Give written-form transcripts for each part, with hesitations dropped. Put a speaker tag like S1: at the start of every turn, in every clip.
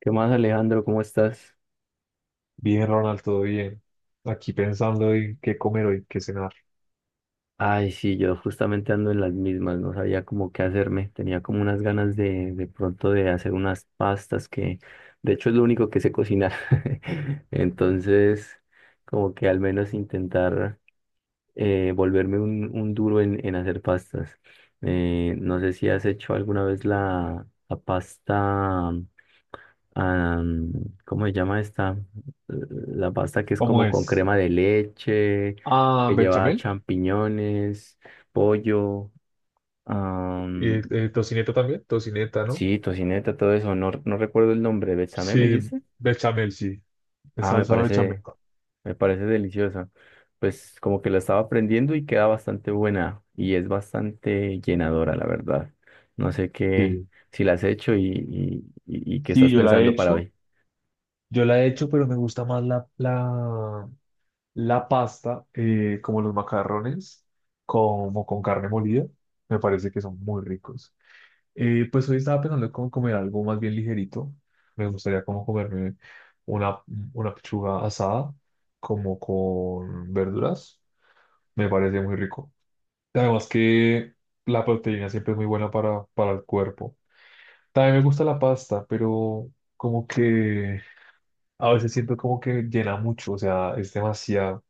S1: ¿Qué más, Alejandro? ¿Cómo estás?
S2: Bien, Ronald, todo bien. Aquí pensando en qué comer hoy, qué cenar.
S1: Ay, sí, yo justamente ando en las mismas, no sabía como qué hacerme, tenía como unas ganas de pronto de hacer unas pastas que, de hecho, es lo único que sé cocinar. Entonces, como que al menos intentar volverme un duro en hacer pastas. No sé si has hecho alguna vez la pasta, am, ¿cómo se llama esta? La pasta que es
S2: ¿Cómo
S1: como con
S2: es?
S1: crema de leche,
S2: Ah,
S1: que lleva
S2: bechamel.
S1: champiñones, pollo, am,
S2: Tocineta también, tocineta, ¿no?
S1: sí, tocineta, todo eso. No, no recuerdo el nombre. ¿Bechamé me
S2: Sí,
S1: dijiste?
S2: bechamel, sí. Es
S1: Ah,
S2: salsa bechamel.
S1: me parece deliciosa. Pues como que la estaba aprendiendo y queda bastante buena y es bastante llenadora, la verdad. No sé qué,
S2: Sí.
S1: si la has hecho y qué
S2: Sí,
S1: estás
S2: yo la he
S1: pensando para
S2: hecho.
S1: hoy.
S2: Yo la he hecho, pero me gusta más la pasta, como los macarrones, como con carne molida. Me parece que son muy ricos. Pues hoy estaba pensando en cómo comer algo más bien ligerito. Me gustaría como comerme una, una pechuga asada, como con verduras. Me parece muy rico. Además que la proteína siempre es muy buena para el cuerpo. También me gusta la pasta, pero como que a veces siento como que llena mucho, o sea, es demasiado.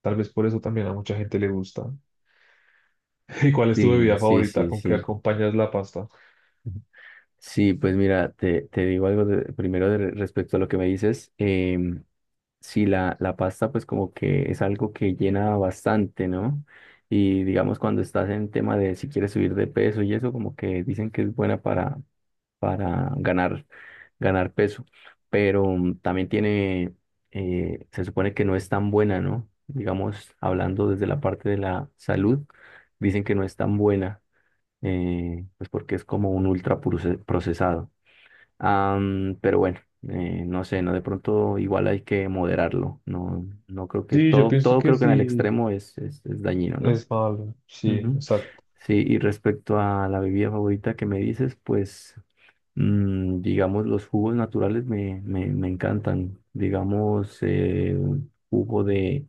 S2: Tal vez por eso también a mucha gente le gusta. ¿Y cuál es tu
S1: Sí,
S2: bebida
S1: sí,
S2: favorita?
S1: sí,
S2: ¿Con qué
S1: sí.
S2: acompañas la pasta?
S1: Sí, pues mira, te digo algo de- primero de- respecto a lo que me dices. Sí, la pasta pues como que es algo que llena bastante, ¿no? Y digamos cuando estás en tema de si quieres subir de peso y eso como que dicen que es buena para ganar, ganar peso, pero también tiene, se supone que no es tan buena, ¿no? Digamos, hablando desde la parte de la salud, dicen que no es tan buena, pues porque es como un ultra procesado. Pero bueno, no sé, no de pronto igual hay que moderarlo. No, no creo que
S2: Sí, yo
S1: todo,
S2: pienso
S1: todo
S2: que
S1: creo que en el
S2: sí.
S1: extremo es dañino, ¿no?
S2: Es malo, sí,
S1: Ujú.
S2: exacto.
S1: Sí, y respecto a la bebida favorita que me dices, pues digamos los jugos naturales me encantan. Digamos un jugo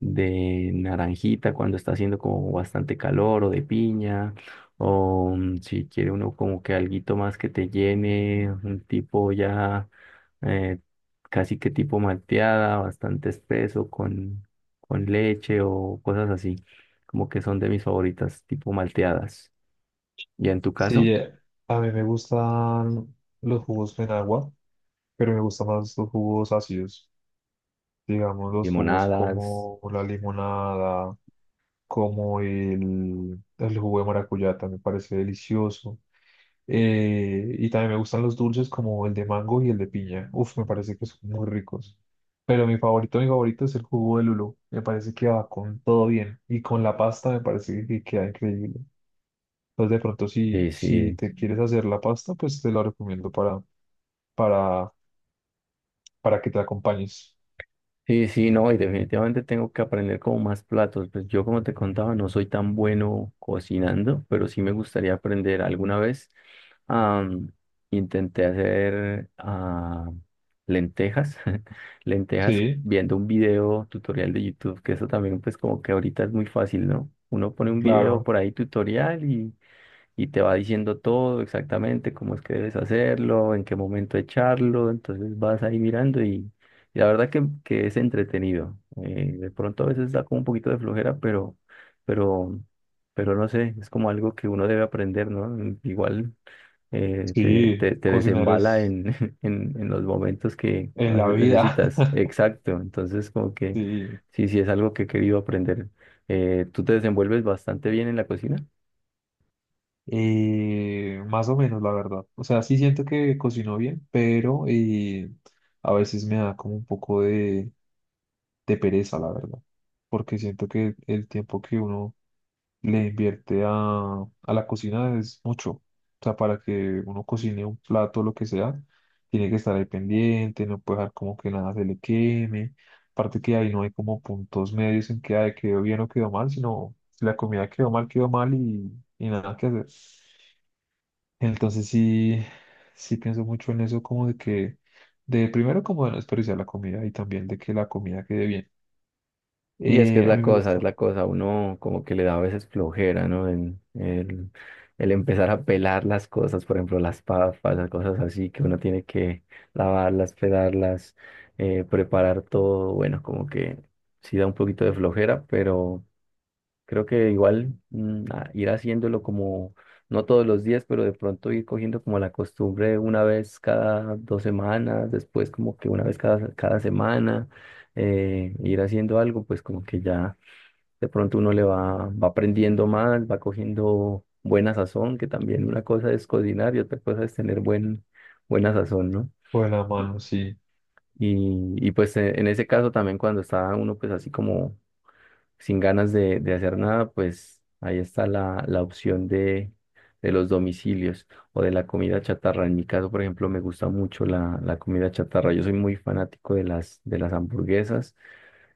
S1: de naranjita cuando está haciendo como bastante calor o de piña. O si quiere uno como que alguito más que te llene, un tipo ya eh, casi que tipo malteada, bastante espeso con leche o cosas así, como que son de mis favoritas, tipo malteadas. Y en tu caso,
S2: Sí, a mí me gustan los jugos en agua, pero me gustan más los jugos ácidos. Digamos, los jugos
S1: limonadas,
S2: como la limonada, como el jugo de maracuyá, también me parece delicioso. Y también me gustan los dulces como el de mango y el de piña. Uf, me parece que son muy ricos. Pero mi favorito es el jugo de lulo. Me parece que va con todo bien. Y con la pasta me parece que queda increíble. Pues de pronto si,
S1: sí,
S2: si
S1: sí.
S2: te quieres hacer la pasta, pues te la recomiendo para, para que te acompañes.
S1: Sí, sí, no, y definitivamente tengo que aprender como más platos. Pues yo, como te contaba, no soy tan bueno cocinando, pero sí me gustaría aprender alguna vez. am, Intenté hacer lentejas, lentejas
S2: Sí,
S1: viendo un video tutorial de YouTube, que eso también pues como que ahorita es muy fácil, ¿no? Uno pone un video
S2: claro.
S1: por ahí tutorial y te va diciendo todo exactamente, cómo es que debes hacerlo, en qué momento echarlo, entonces vas ahí mirando y la verdad que es entretenido. De pronto a veces da como un poquito de flojera, pero, pero no sé, es como algo que uno debe aprender, ¿no? Igual te,
S2: Sí,
S1: te, te
S2: cocinar
S1: desembala
S2: es
S1: en, en los momentos que a
S2: en la
S1: veces
S2: vida.
S1: necesitas. Exacto, entonces como que
S2: Sí.
S1: sí, sí es algo que he querido aprender. ¿Tú te desenvuelves bastante bien en la cocina?
S2: Más o menos, la verdad. O sea, sí siento que cocino bien, pero a veces me da como un poco de pereza, la verdad. Porque siento que el tiempo que uno le invierte a la cocina es mucho. O sea, para que uno cocine un plato lo que sea, tiene que estar ahí pendiente, no puede dejar como que nada se le queme. Aparte que ahí no hay como puntos medios en que ay, quedó bien o quedó mal, sino si la comida quedó mal y nada que hacer. Entonces sí, sí pienso mucho en eso como de que, de primero como de no desperdiciar la comida y también de que la comida quede bien.
S1: Y es que
S2: A mí me
S1: es
S2: gusta.
S1: la cosa, uno como que le da a veces flojera, ¿no? El empezar a pelar las cosas, por ejemplo, las papas, las cosas así, que uno tiene que lavarlas, pelarlas, preparar todo, bueno, como que sí da un poquito de flojera, pero creo que igual a- ir haciéndolo como, no todos los días, pero de pronto ir cogiendo como la costumbre una vez cada dos semanas, después como que una vez cada semana, ir haciendo algo, pues como que ya de pronto uno le va aprendiendo más, va cogiendo buena sazón, que también una cosa es cocinar y otra cosa es tener buena sazón, ¿no?
S2: Con la mano, sí.
S1: Y pues en ese caso también cuando está uno pues así como sin ganas de hacer nada, pues ahí está la opción de los domicilios o de la comida chatarra. En mi caso, por ejemplo, me gusta mucho la comida chatarra. Yo soy muy fanático de de las hamburguesas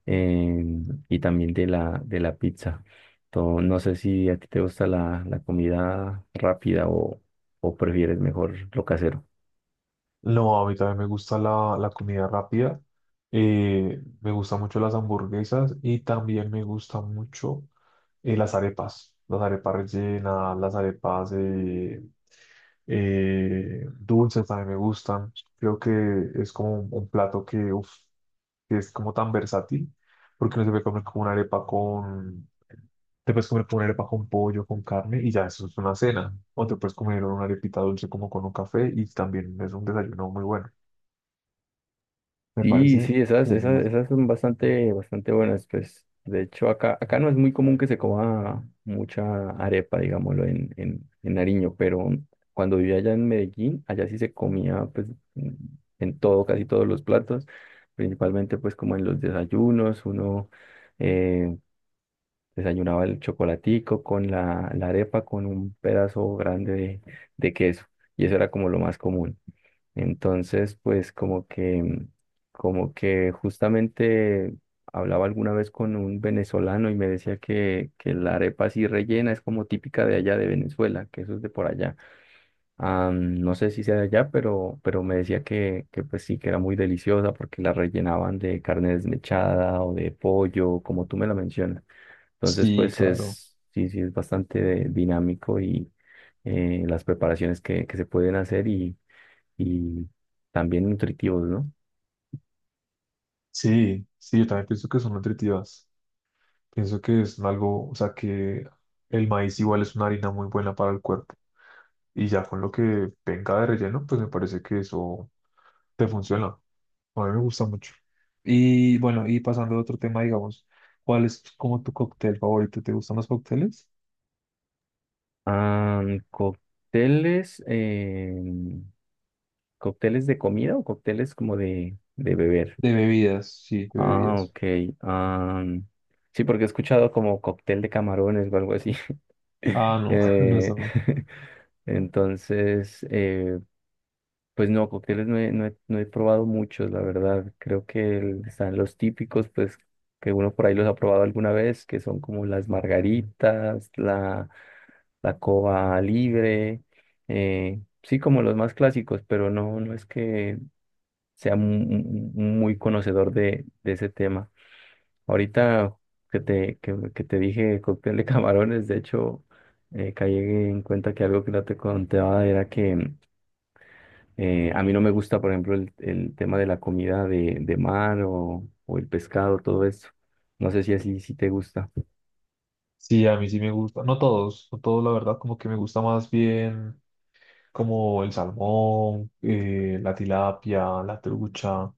S1: y también de de la pizza. To- no sé si a ti te gusta la comida rápida o prefieres mejor lo casero.
S2: No, a mí también me gusta la comida rápida. Me gustan mucho las hamburguesas y también me gustan mucho las arepas. Las arepas rellenas, las arepas dulces también me gustan. Creo que es como un plato que, uf, que es como tan versátil porque no se puede comer como una arepa con... Te puedes comer como una arepa con pollo, con carne y ya eso es una cena. O te puedes comer una arepita dulce como con un café y también es un desayuno muy bueno. Me
S1: Sí,
S2: parece
S1: sí, esas, esas,
S2: genial.
S1: esas son bastante, bastante buenas, pues. De hecho, acá, acá no es muy común que se coma mucha arepa, digámoslo, en Nariño, pero cuando vivía allá en Medellín, allá sí se comía, pues, en en todo, casi todos los platos, principalmente, pues, como en los desayunos, uno eh, desayunaba el chocolatico con la arepa, con un pedazo grande de queso, y eso era como lo más común. Entonces, pues como que justamente hablaba alguna vez con un venezolano y me decía que la arepa así rellena es como típica de allá de Venezuela, que eso es de por allá. Ah, no sé si sea de allá, pero me decía que pues sí, que era muy deliciosa porque la rellenaban de carne desmechada o de pollo, como tú me lo mencionas. Entonces,
S2: Sí,
S1: pues
S2: claro.
S1: es, sí, sí, es bastante dinámico y las preparaciones que se pueden hacer y también nutritivos, ¿no?
S2: Sí, sí, yo también pienso que son nutritivas. Pienso que es algo, o sea, que el maíz igual es una harina muy buena para el cuerpo. Y ya con lo que venga de relleno, pues me parece que eso te funciona. A mí me gusta mucho. Y bueno, y pasando a otro tema, digamos, ¿cuál es como tu cóctel favorito? ¿Te gustan los cócteles?
S1: Ah, cócteles, cócteles de comida o cócteles como de beber.
S2: De bebidas, sí, de
S1: Ah,
S2: bebidas.
S1: ok. ah, sí, porque he escuchado como cóctel de camarones o algo así.
S2: Ah, no, no,
S1: Eh,
S2: eso no.
S1: entonces, pues no, cócteles no he, no he, no he probado muchos, la verdad. Creo que el- están los típicos, pues que uno por ahí los ha probado alguna vez, que son como las margaritas, la cova libre, sí, como los más clásicos, pero no, no es que sea mu- mu- muy conocedor de ese tema. Ahorita que te dije cóctel de camarones, de hecho, caí en cuenta que algo que no te contaba era que... a mí no me gusta, por ejemplo, el tema de la comida de mar o el pescado, todo eso. No sé si así sí te gusta.
S2: Sí, a mí sí me gusta. No todos, no todos, la verdad, como que me gusta más bien. Como el salmón, la tilapia, la trucha,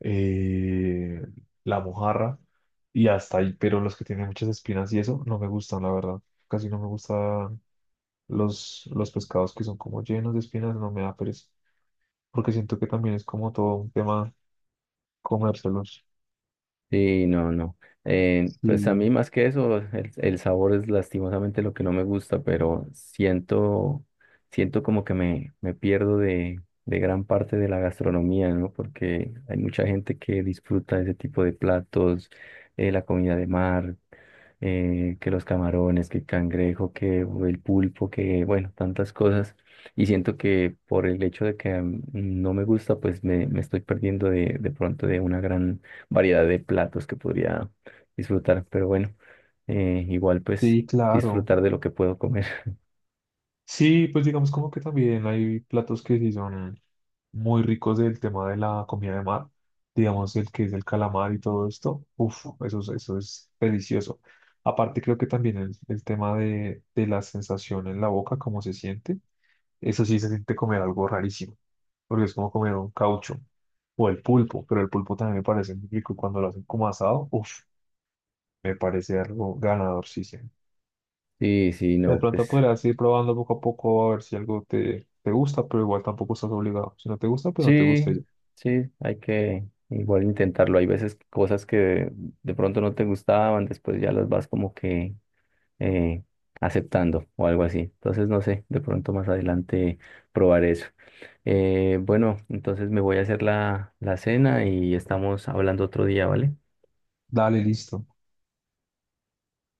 S2: eh, la mojarra y hasta ahí, pero los que tienen muchas espinas y eso no me gustan, la verdad. Casi no me gustan los pescados que son como llenos de espinas, no me da pereza, porque siento que también es como todo un tema comérselos.
S1: Sí, no, no. Pues a
S2: Sí,
S1: mí más que eso, el sabor es lastimosamente lo que no me gusta, pero siento, siento como que me pierdo de gran parte de la gastronomía, ¿no? Porque hay mucha gente que disfruta ese tipo de platos, la comida de mar, que los camarones, que el cangrejo, que el pulpo, que bueno, tantas cosas. Y siento que por el hecho de que no me gusta, pues me estoy perdiendo de pronto de una gran variedad de platos que podría disfrutar, pero bueno, igual pues
S2: sí, claro.
S1: disfrutar de lo que puedo comer.
S2: Sí, pues digamos como que también hay platos que sí son muy ricos del tema de la comida de mar, digamos el que es el calamar y todo esto, uff, eso es delicioso. Aparte creo que también el tema de la sensación en la boca, cómo se siente, eso sí se siente comer algo rarísimo, porque es como comer un caucho o el pulpo, pero el pulpo también me parece muy rico cuando lo hacen como asado, uff, me parece algo ganador, sí, sí.
S1: Sí, sí,
S2: De
S1: no,
S2: pronto
S1: pues
S2: podrías ir probando poco a poco a ver si algo te, te gusta, pero igual tampoco estás obligado. Si no te gusta, pues no te
S1: sí,
S2: gusta y ya.
S1: sí, hay que igual intentarlo. Hay veces cosas que de pronto no te gustaban, después ya las vas como que eh, aceptando o algo así. Entonces, no sé, de pronto más adelante probar eso. Bueno, entonces me voy a hacer la cena y estamos hablando otro día, ¿vale?
S2: Dale, listo.